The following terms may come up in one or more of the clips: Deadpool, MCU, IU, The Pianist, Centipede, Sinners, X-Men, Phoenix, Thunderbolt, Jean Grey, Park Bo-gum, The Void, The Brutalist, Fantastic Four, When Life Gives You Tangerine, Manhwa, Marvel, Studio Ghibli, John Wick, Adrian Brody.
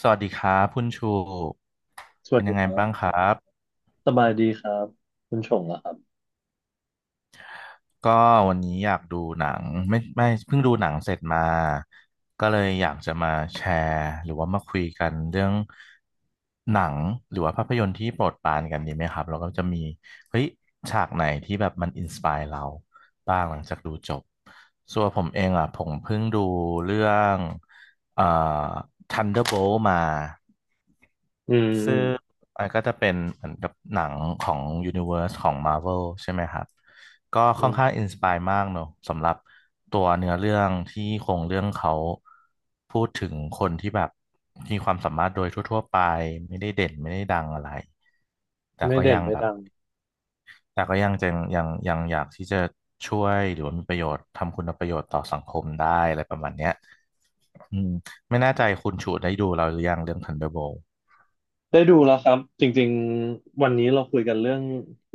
สวัสดีครับคุณชูสวัเป็สนดียังคไงรับ้างบครับสบายดีครับคุณชงเหรอครับก็วันนี้อยากดูหนังไม่ไม่เพิ่งดูหนังเสร็จมาก็เลยอยากจะมาแชร์หรือว่ามาคุยกันเรื่องหนังหรือว่าภาพยนตร์ที่โปรดปรานกันดีไหมครับแล้วก็จะมีเฮ้ยฉากไหนที่แบบมันอินสปายเราบ้างหลังจากดูจบส่วนผมเองอ่ะผมเพิ่งดูเรื่องเอ่อ Thunderbolt มา อืมอืซึ่มงมันก็จะเป็นเหมือนกับหนังของ Universe ของ Marvel ใช่ไหมครับก็อืค่อนข้ามงอินสปายมากเนอะสำหรับตัวเนื้อเรื่องที่โครงเรื่องเขาพูดถึงคนที่แบบมีความสามารถโดยทั่วๆไปไม่ได้เด่นไม่ได้ดังอะไรแต่ไม่ก็เด่นยังไม่แบบดังแต่ก็ยังจะยังอยากที่จะช่วยหรือว่ามีประโยชน์ทำคุณประโยชน์ต่อสังคมได้อะไรประมาณเนี้ยอืมไม่แน่ใจคุณชูได้ดูเราหรือยังเรื่อง Thunderbolt ได้ดูแล้วครับจริงๆวันนี้เราคุยกันเรื่อง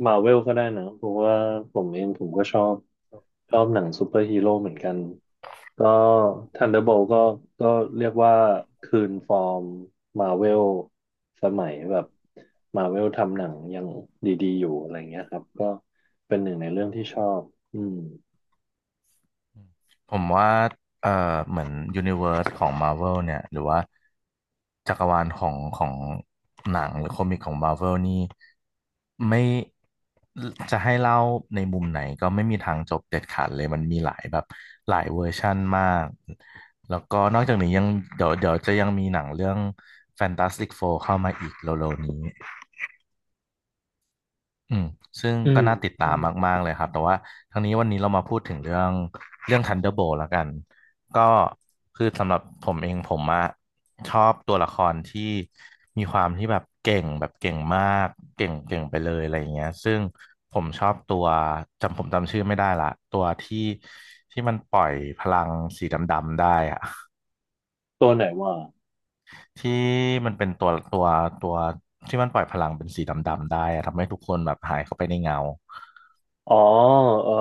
มาเวลก็ได้นะเพราะว่าผมเองผมก็ชอบหนังซูเปอร์ฮีโร่เหมือนกันก็ Thunderbolt ก็เรียกว่าคืนฟอร์มมาเวลสมัยแบบมาเวลทำหนังยังดีๆอยู่อะไรเงี้ยครับก็เป็นหนึ่งในเรื่องที่ชอบอืมผมว่าเอ่อเหมือนยูนิเว s ร์สของ Marvel เนี่ย หรือว่าจักรวาลของหนังหรือคอมิกของ Marvel นี่ไม่จะให้เล่าในมุมไหนก็ไม่มีทางจบเด็ดขาดเลย มันมีหลายแบบหลายเวอร์ชั่นมาก แล้วก็นอกจากนี้ยังเดี๋ยวจะยังมีหนังเรื่อง Fantastic Four เข้ามาอีกเร็วๆนี้ อืมซึ่งอืก็น่ามติดตามมากๆเลยครับแต่ว่าทั้งนี้วันนี้เรามาพูดถึงเรื่อง Thunderbolt แล้วกันก็คือสำหรับผมเองผมอะชอบตัวละครที่มีความที่แบบเก่งแบบเก่งมากเก่งเก่งไปเลยอะไรอย่างเงี้ยซึ่งผมชอบตัวผมจำชื่อไม่ได้ละตัวที่ที่มันปล่อยพลังสีดำๆได้อะตัวไหนว่า ที่มันเป็นตัวที่มันปล่อยพลังเป็นสีดำๆได้อะทำให้ทุกคนแบบหายเข้าไปในเงา อ๋อเออ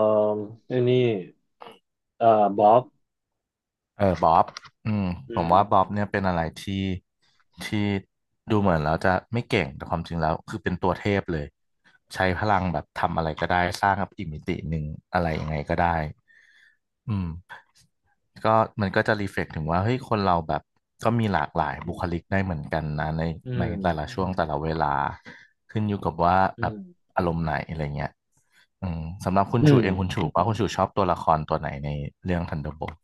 ไอ้นี่เอ่อบ๊อบเออบ๊อบอืมอืผมว่ามบ๊อบเนี่ยเป็นอะไรที่ดูเหมือนแล้วจะไม่เก่งแต่ความจริงแล้วคือเป็นตัวเทพเลยใช้พลังแบบทำอะไรก็ได้สร้างกับอีกมิติหนึ่งอะไรยังไงก็ได้อืมก็มันก็จะรีเฟล็กถึงว่าเฮ้ยคนเราแบบก็มีหลากหลายอืบุคมลิกได้เหมือนกันนะในอืในมแต่ละช่วงแต่ละเวลาขึ้นอยู่กับว่าอืแบบมอารมณ์ไหนอะไรเงี้ยอืมสำหรับคุณอืชูมเองคุณชูว่าคุณชูชอบตัวละครตัวไหนในเรื่อง Thunderbolt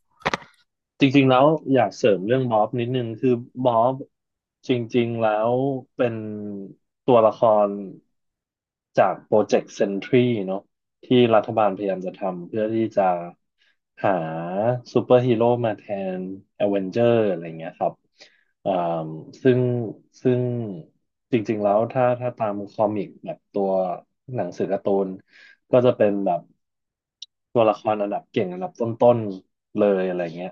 จริงๆแล้วอยากเสริมเรื่องบ๊อบนิดนึงคือบ๊อบจริงๆแล้วเป็นตัวละครจากโปรเจกต์เซนทรีเนาะที่รัฐบาลพยายามจะทำเพื่อที่จะหาซูเปอร์ฮีโร่มาแทน a อเวนเจอร์อะไรเงี้ยครับ เอ่อซึ่งซึ่งจริงๆแล้วถ้าตามคอมิกแบบตัวหนังสือการ์ตูนก็จะเป็นแบบตัวละครอันดับเก่งอันดับต้นๆเลยอะไรเงี้ย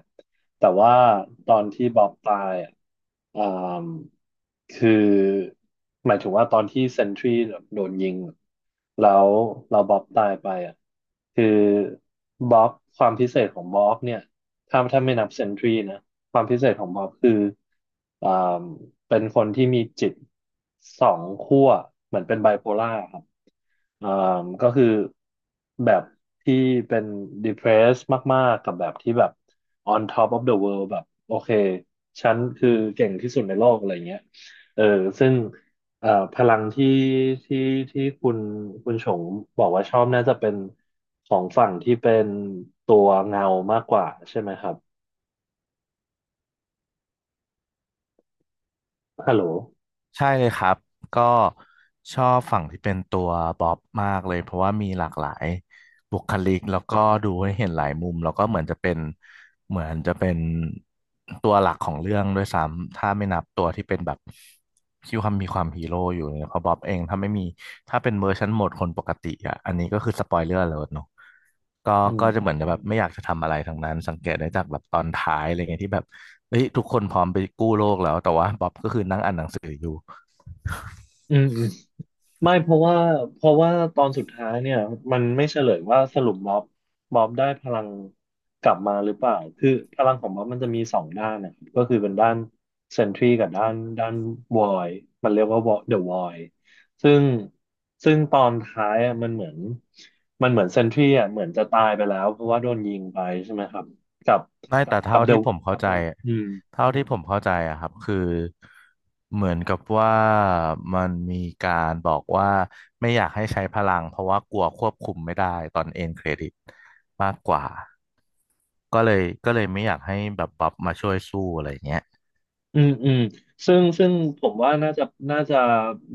แต่ว่าตอนที่บ๊อบตายอ่ะอ่ามคือหมายถึงว่าตอนที่เซนทรีโดนยิงแล้วเราบ๊อบตายไปอ่ะคือบ๊อบความพิเศษของบ๊อบเนี่ยถ้าไม่นับเซนทรีนะ ความพิเศษของบ๊อบคืออ่าเป็นคนที่มีจิตสองขั้วเหมือนเป็นไบโพล่าครับอ่าก็คือแบบที่เป็น depressed มากๆกับแบบที่แบบ on top of the world แบบโอเคฉันคือเก่งที่สุดในโลกอะไรเงี้ยเออซึ่งพลังที่ที่คุณชงบอกว่าชอบน่าจะเป็นของฝั่งที่เป็นตัวเงามากกว่าใช่ไหมครับฮัลโหล ใช่เลยครับก็ชอบฝั่งที่เป็นตัวบ๊อบมากเลยเพราะว่ามีหลากหลายบุคลิกแล้วก็ดูให้เห็นหลายมุมแล้วก็เหมือนจะเป็นตัวหลักของเรื่องด้วยซ้ำถ้าไม่นับตัวที่เป็นแบบที่ความมีความฮีโร่อยู่เนี่ยเพราะบ๊อบเองถ้าไม่มีถ้าเป็นเวอร์ชันโหมดคนปกติอ่ะอันนี้ก็คือสปอยเลอร์เลยเนาะก็อืก็มจะเหมือนจะแบบไม่อยากจะทำอะไรทั้งนั้นสังเกตได้จากแบบตอนท้ายอะไรเงี้ยที่แบบเฮ้ยทุกคนพร้อมไปกู้โลกแล้วแต่ว่าบ๊อบก็คือนั่งอ่านหนังสืออยู่ อืมอืมไม่เพราะว่าตอนสุดท้ายเนี่ยมันไม่เฉลยว่าสรุปม็อบได้พลังกลับมาหรือเปล่าคือพลังของม็อบมันจะมีสองด้านนะครับก็คือเป็นด้านเซนทรีกับด้านวอยมันเรียกว่าวอเดอะวอยซึ่งซึ่งตอนท้ายอ่ะมันเหมือนเซนทรีอ่ะเหมือนจะตายไปแล้วเพราะว่าโดนยิงไปใช่ไหมครับกับไม่แต่กัเท่าบเดอะ ที่ผมคเข้ารับใจผมเท่าที่ผมเข้าใจอะครับคือเหมือนกับว่ามันมีการบอกว่าไม่อยากให้ใช้พลังเพราะว่ากลัวควบคุมไม่ได้ตอนเอ็นเครดิตมากกว่าก็เลยไม่อยากให้แบบบัฟมาช่วยสู้อะไรอย่างเงี้ยอืมอืมซึ่งผมว่าน่าจะ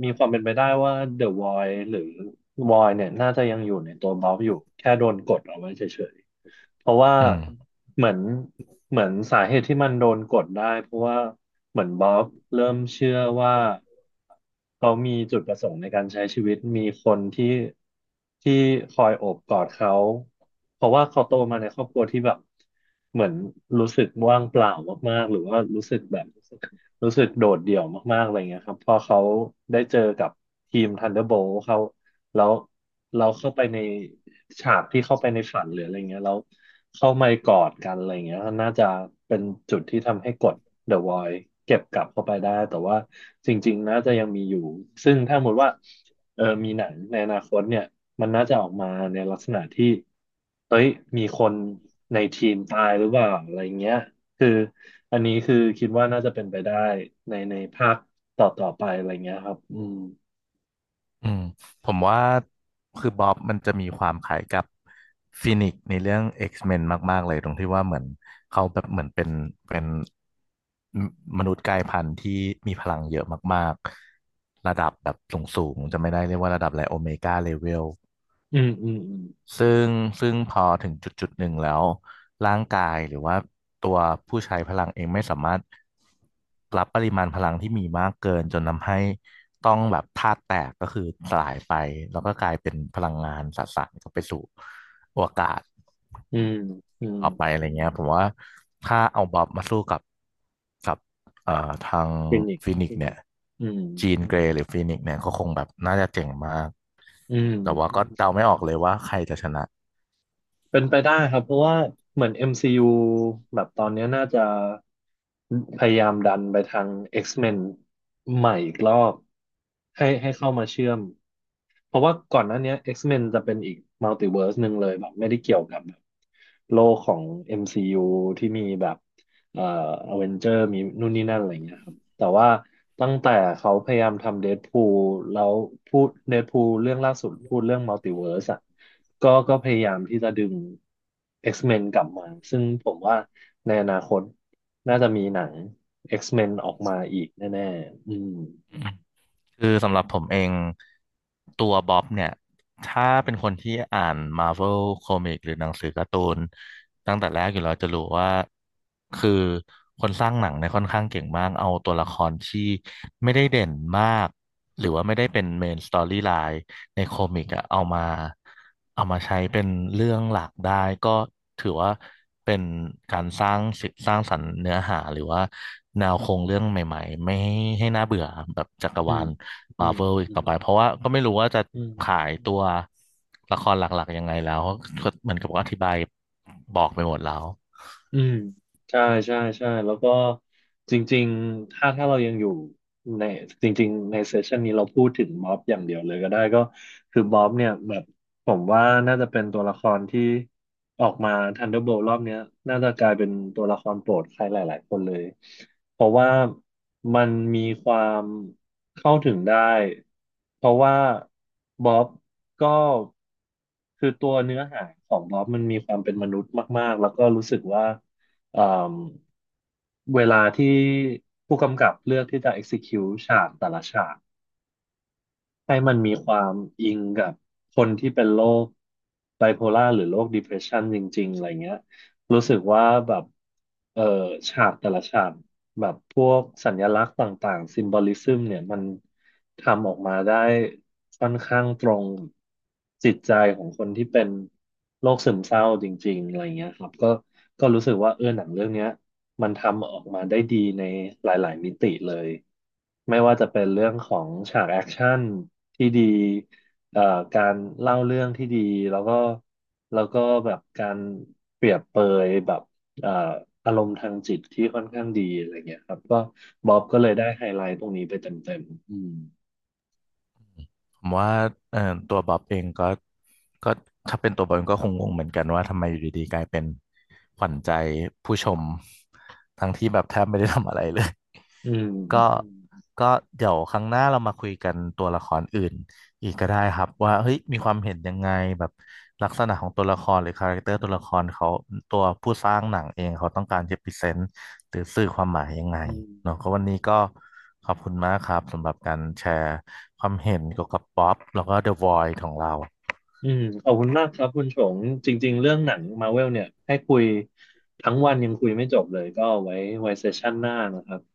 มีความเป็นไปได้ว่า The Void หรือ Void เนี่ยน่าจะยังอยู่ในตัวบ๊อบอยู่แค่โดนกดเอาไว้เฉยๆเพราะว่าอืม เหมือนสาเหตุที่มันโดนกดได้เพราะว่าเหมือนบ๊อบเริ่มเชื่อว่าเขามีจุดประสงค์ในการใช้ชีวิตมีคนที่คอยโอบกอดเขาเพราะว่าเขาโตมาในครอบครัวที่แบบ เหมือนรู้สึกว่างเปล่ามากๆ หรือว่ารู้สึกแบบรู้สึกโดดเดี่ยวมากๆอะไรเงี้ยครับพอเขาได้เจอกับทีม Thunderbolt เขาแล้วเราเข้าไปในฉากที่เข้าไปในฝันหรืออะไรเงี้ยแล้วเข้ามากอดกันอะไรเงี้ยน่าจะเป็นจุดที่ทำให้กด The Void เก็บกลับเข้าไปได้แต่ว่าจริงๆ น่าจะยังมีอยู่ซึ่งถ้าสมมติว่าเออมีหนังในอนาคตเนี่ย มันน่าจะออกมาในลักษณะที่เฮ้ยมีคนในทีมตายหรือเปล่าอะไรเงี้ย คืออันนี้คือคิดว่าน่าจะเป็นไปได้ในในภาคต่อไปอะไรเงี้ยครับ อืมผมว่าคือบ๊อบมันจะมีความคล้ายกับฟินิกซ์ในเรื่อง X-Men มนมากๆเลยตรงที่ว่าเหมือนเขาแบบเหมือนเป็นมมนุษย์กลายพันธุ์ที่มีพลังเยอะมากๆระดับแบบสูงๆจะไม่ได้เรียกว่าระดับอะไรโอเมก้าเลเวล อืม อืม ซึ่งซึ่งพอถึงจุดจุดหนึ่งแล้วร่างกายหรือว่าตัวผู้ใช้พลังเองไม่สามารถรับปริมาณพลังที่มีมากเกินจนทำให้ต้องแบบธาตุแตกก็คือสลายไปแล้วก็กลายเป็นพลังงานสสารก็ไปสู่อวกาศอืม อืม อืมต่อไปอะไรเงี้ยผมว่าถ้าเอาบอบมาสู้กับ ทางเป็นอกฟินิกซ์เนี่ยอืมจีนเกรย์หรือฟินิกซ์เนี่ยก็คงแบบน่าจะเจ๋งมากอืม แต่ว่าก็เดาไม่ออกเลยว่าใครจะชนะเป็นไปได้ครับเพราะว่าเหมือน MCU แบบตอนเนี้ยน่าจะพยายามดันไปทาง X-Men ใหม่อีกรอบให้เข้ามาเชื่อมเพราะว่าก่อนหน้าเนี้ย X-Men จะเป็นอีกมัลติเวิร์สหนึ่งเลยแบบไม่ได้เกี่ยวกับแบบโลกของ MCU ที่มีแบบเอ่ออเวนเจอร์มีนู่นนี่นั่นอะไรเงี้ยครับ แต่ว่าตั้งแต่เขาพยายามทำเดดพูลแล้วพูดเดดพูลเรื่องล่าสุดพูดเรื่องมัลติเวิร์สอ่ะก็พยายามที่จะดึง X-Men กลับมาซึ่งผมว่าในอนาคตน่าจะมีหนัง X-Men ออกมาอีกแน่ๆอืมคือสำหรับผมเองตัวบ๊อบเนี่ยถ้าเป็นคนที่อ่านมา r v เวลคอมิกหรือหนังสือการ์ตูนตั้งแต่แรกอยู่แล้วจะรู้ว่าคือคนสร้างหนังเนี่ยค่อนข้างเก่งมากเอาตัวละครที่ไม่ได้เด่นมากหรือว่าไม่ได้เป็นเมนสตอรี่ไลน์ ในคอมิกอะเอามาใช้เป็นเรื่องหลักได้ก็ถือว่าเป็นการสร้างสรรค์เนื้อหาหรือว่าแนวโครงเรื่องใหม่ๆไม่ให้น่าเบื่อแบบจักรอืวามลอืมามเวลอีกอืมต่อไปเพราะว่าก็ไม่รู้ว่าจะอืม ขายตัวละครหลักๆยังไงแล้วก็เหมือนกับว่าอธิบายบอกไปหมดแล้ว อืมใช่ใช่แล้วก็จริงๆ ถ้าเรายังอยู่ในจริงๆในเซสชันนี้เราพูดถึงม็อบอย่างเดียวเลยก็ได้ก็คือม็อบเนี่ยแบบผมว่าน่าจะเป็นตัวละครที่ออกมา Thunderbolt รอบเนี้ยน่าจะกลายเป็นตัวละครโปรดใครหลายๆคนเลย เพราะว่ามันมีความเข้าถึงได้เพราะว่าบ๊อบก็คือตัวเนื้อหาของบ๊อบมันมีความเป็นมนุษย์มากๆแล้วก็รู้สึกว่าเอ่มเวลาที่ผู้กำกับเลือกที่จะ execute ฉากแต่ละฉาก ให้มันมีความอิงกับคนที่เป็นโรคไบโพล่าหรือโรค depression จริงๆอะไรเงี้ยรู้สึกว่าแบบเออฉากแต่ละฉากแบบพวกสัญลักษณ์ต่างๆซิมบอลิซึมเนี่ยมันทำออกมาได้ค่อนข้างตรงจิตใจของคนที่เป็นโรคซึมเศร้าจริงๆอะไรเงี้ยครับก็รู้สึกว่าเออหนังเรื่องเนี้ย มันทำออกมาได้ดีในหลาย ๆ มิติเลย ไม่ว่าจะเป็นเรื่องของฉากแอคชั่นที่ดีเอ่อการเล่าเรื่องที่ดีแล้วก็แล้วก็แบบการเปรียบเปยแบบเอ่ออารมณ์ทางจิตที่ค่อนข้างดีอะไรเงี้ยครับก็บ๊อบก็เลยได้ไฮไลท์ตรงนี้ไปเต็มๆผมว่าเอ่อตัวบ๊อบเองก็ก็ถ้าเป็นตัวบ๊อบเองก็คงงงเหมือนกันว่าทำไมอยู่ดีๆกลายเป็นขวัญใจผู้ชมทั้งที่แบบแทบไม่ได้ทำอะไรเลย อืมก็อืมก็เดี๋ยวครั้งหน้าเรามาคุยกันตัวละครอื่นอีกก็ได้ครับว่าเฮ้ยมีความเห็นยังไงแบบลักษณะของตัวละครหรือคาแรคเตอร์ตัวละครเขาตัวผู้สร้างหนังเองเขาต้องการจะพรีเซนต์หรือสื่อความหมายยังไงอืมเนาะก็วันนี้ก็ขอบคุณมากครับสำหรับการแชร์ความเห็นเกี่ยวกับป๊อปแล้วก็ The Void ของเราขอบคุณมากครับคุณชงจริง ๆ เรื่องหนังมาเวลเนี่ยให้คุยทั้งวันยังคุยไม่จบเลยก็เอาไว้เซสชั่นหน้านะครับ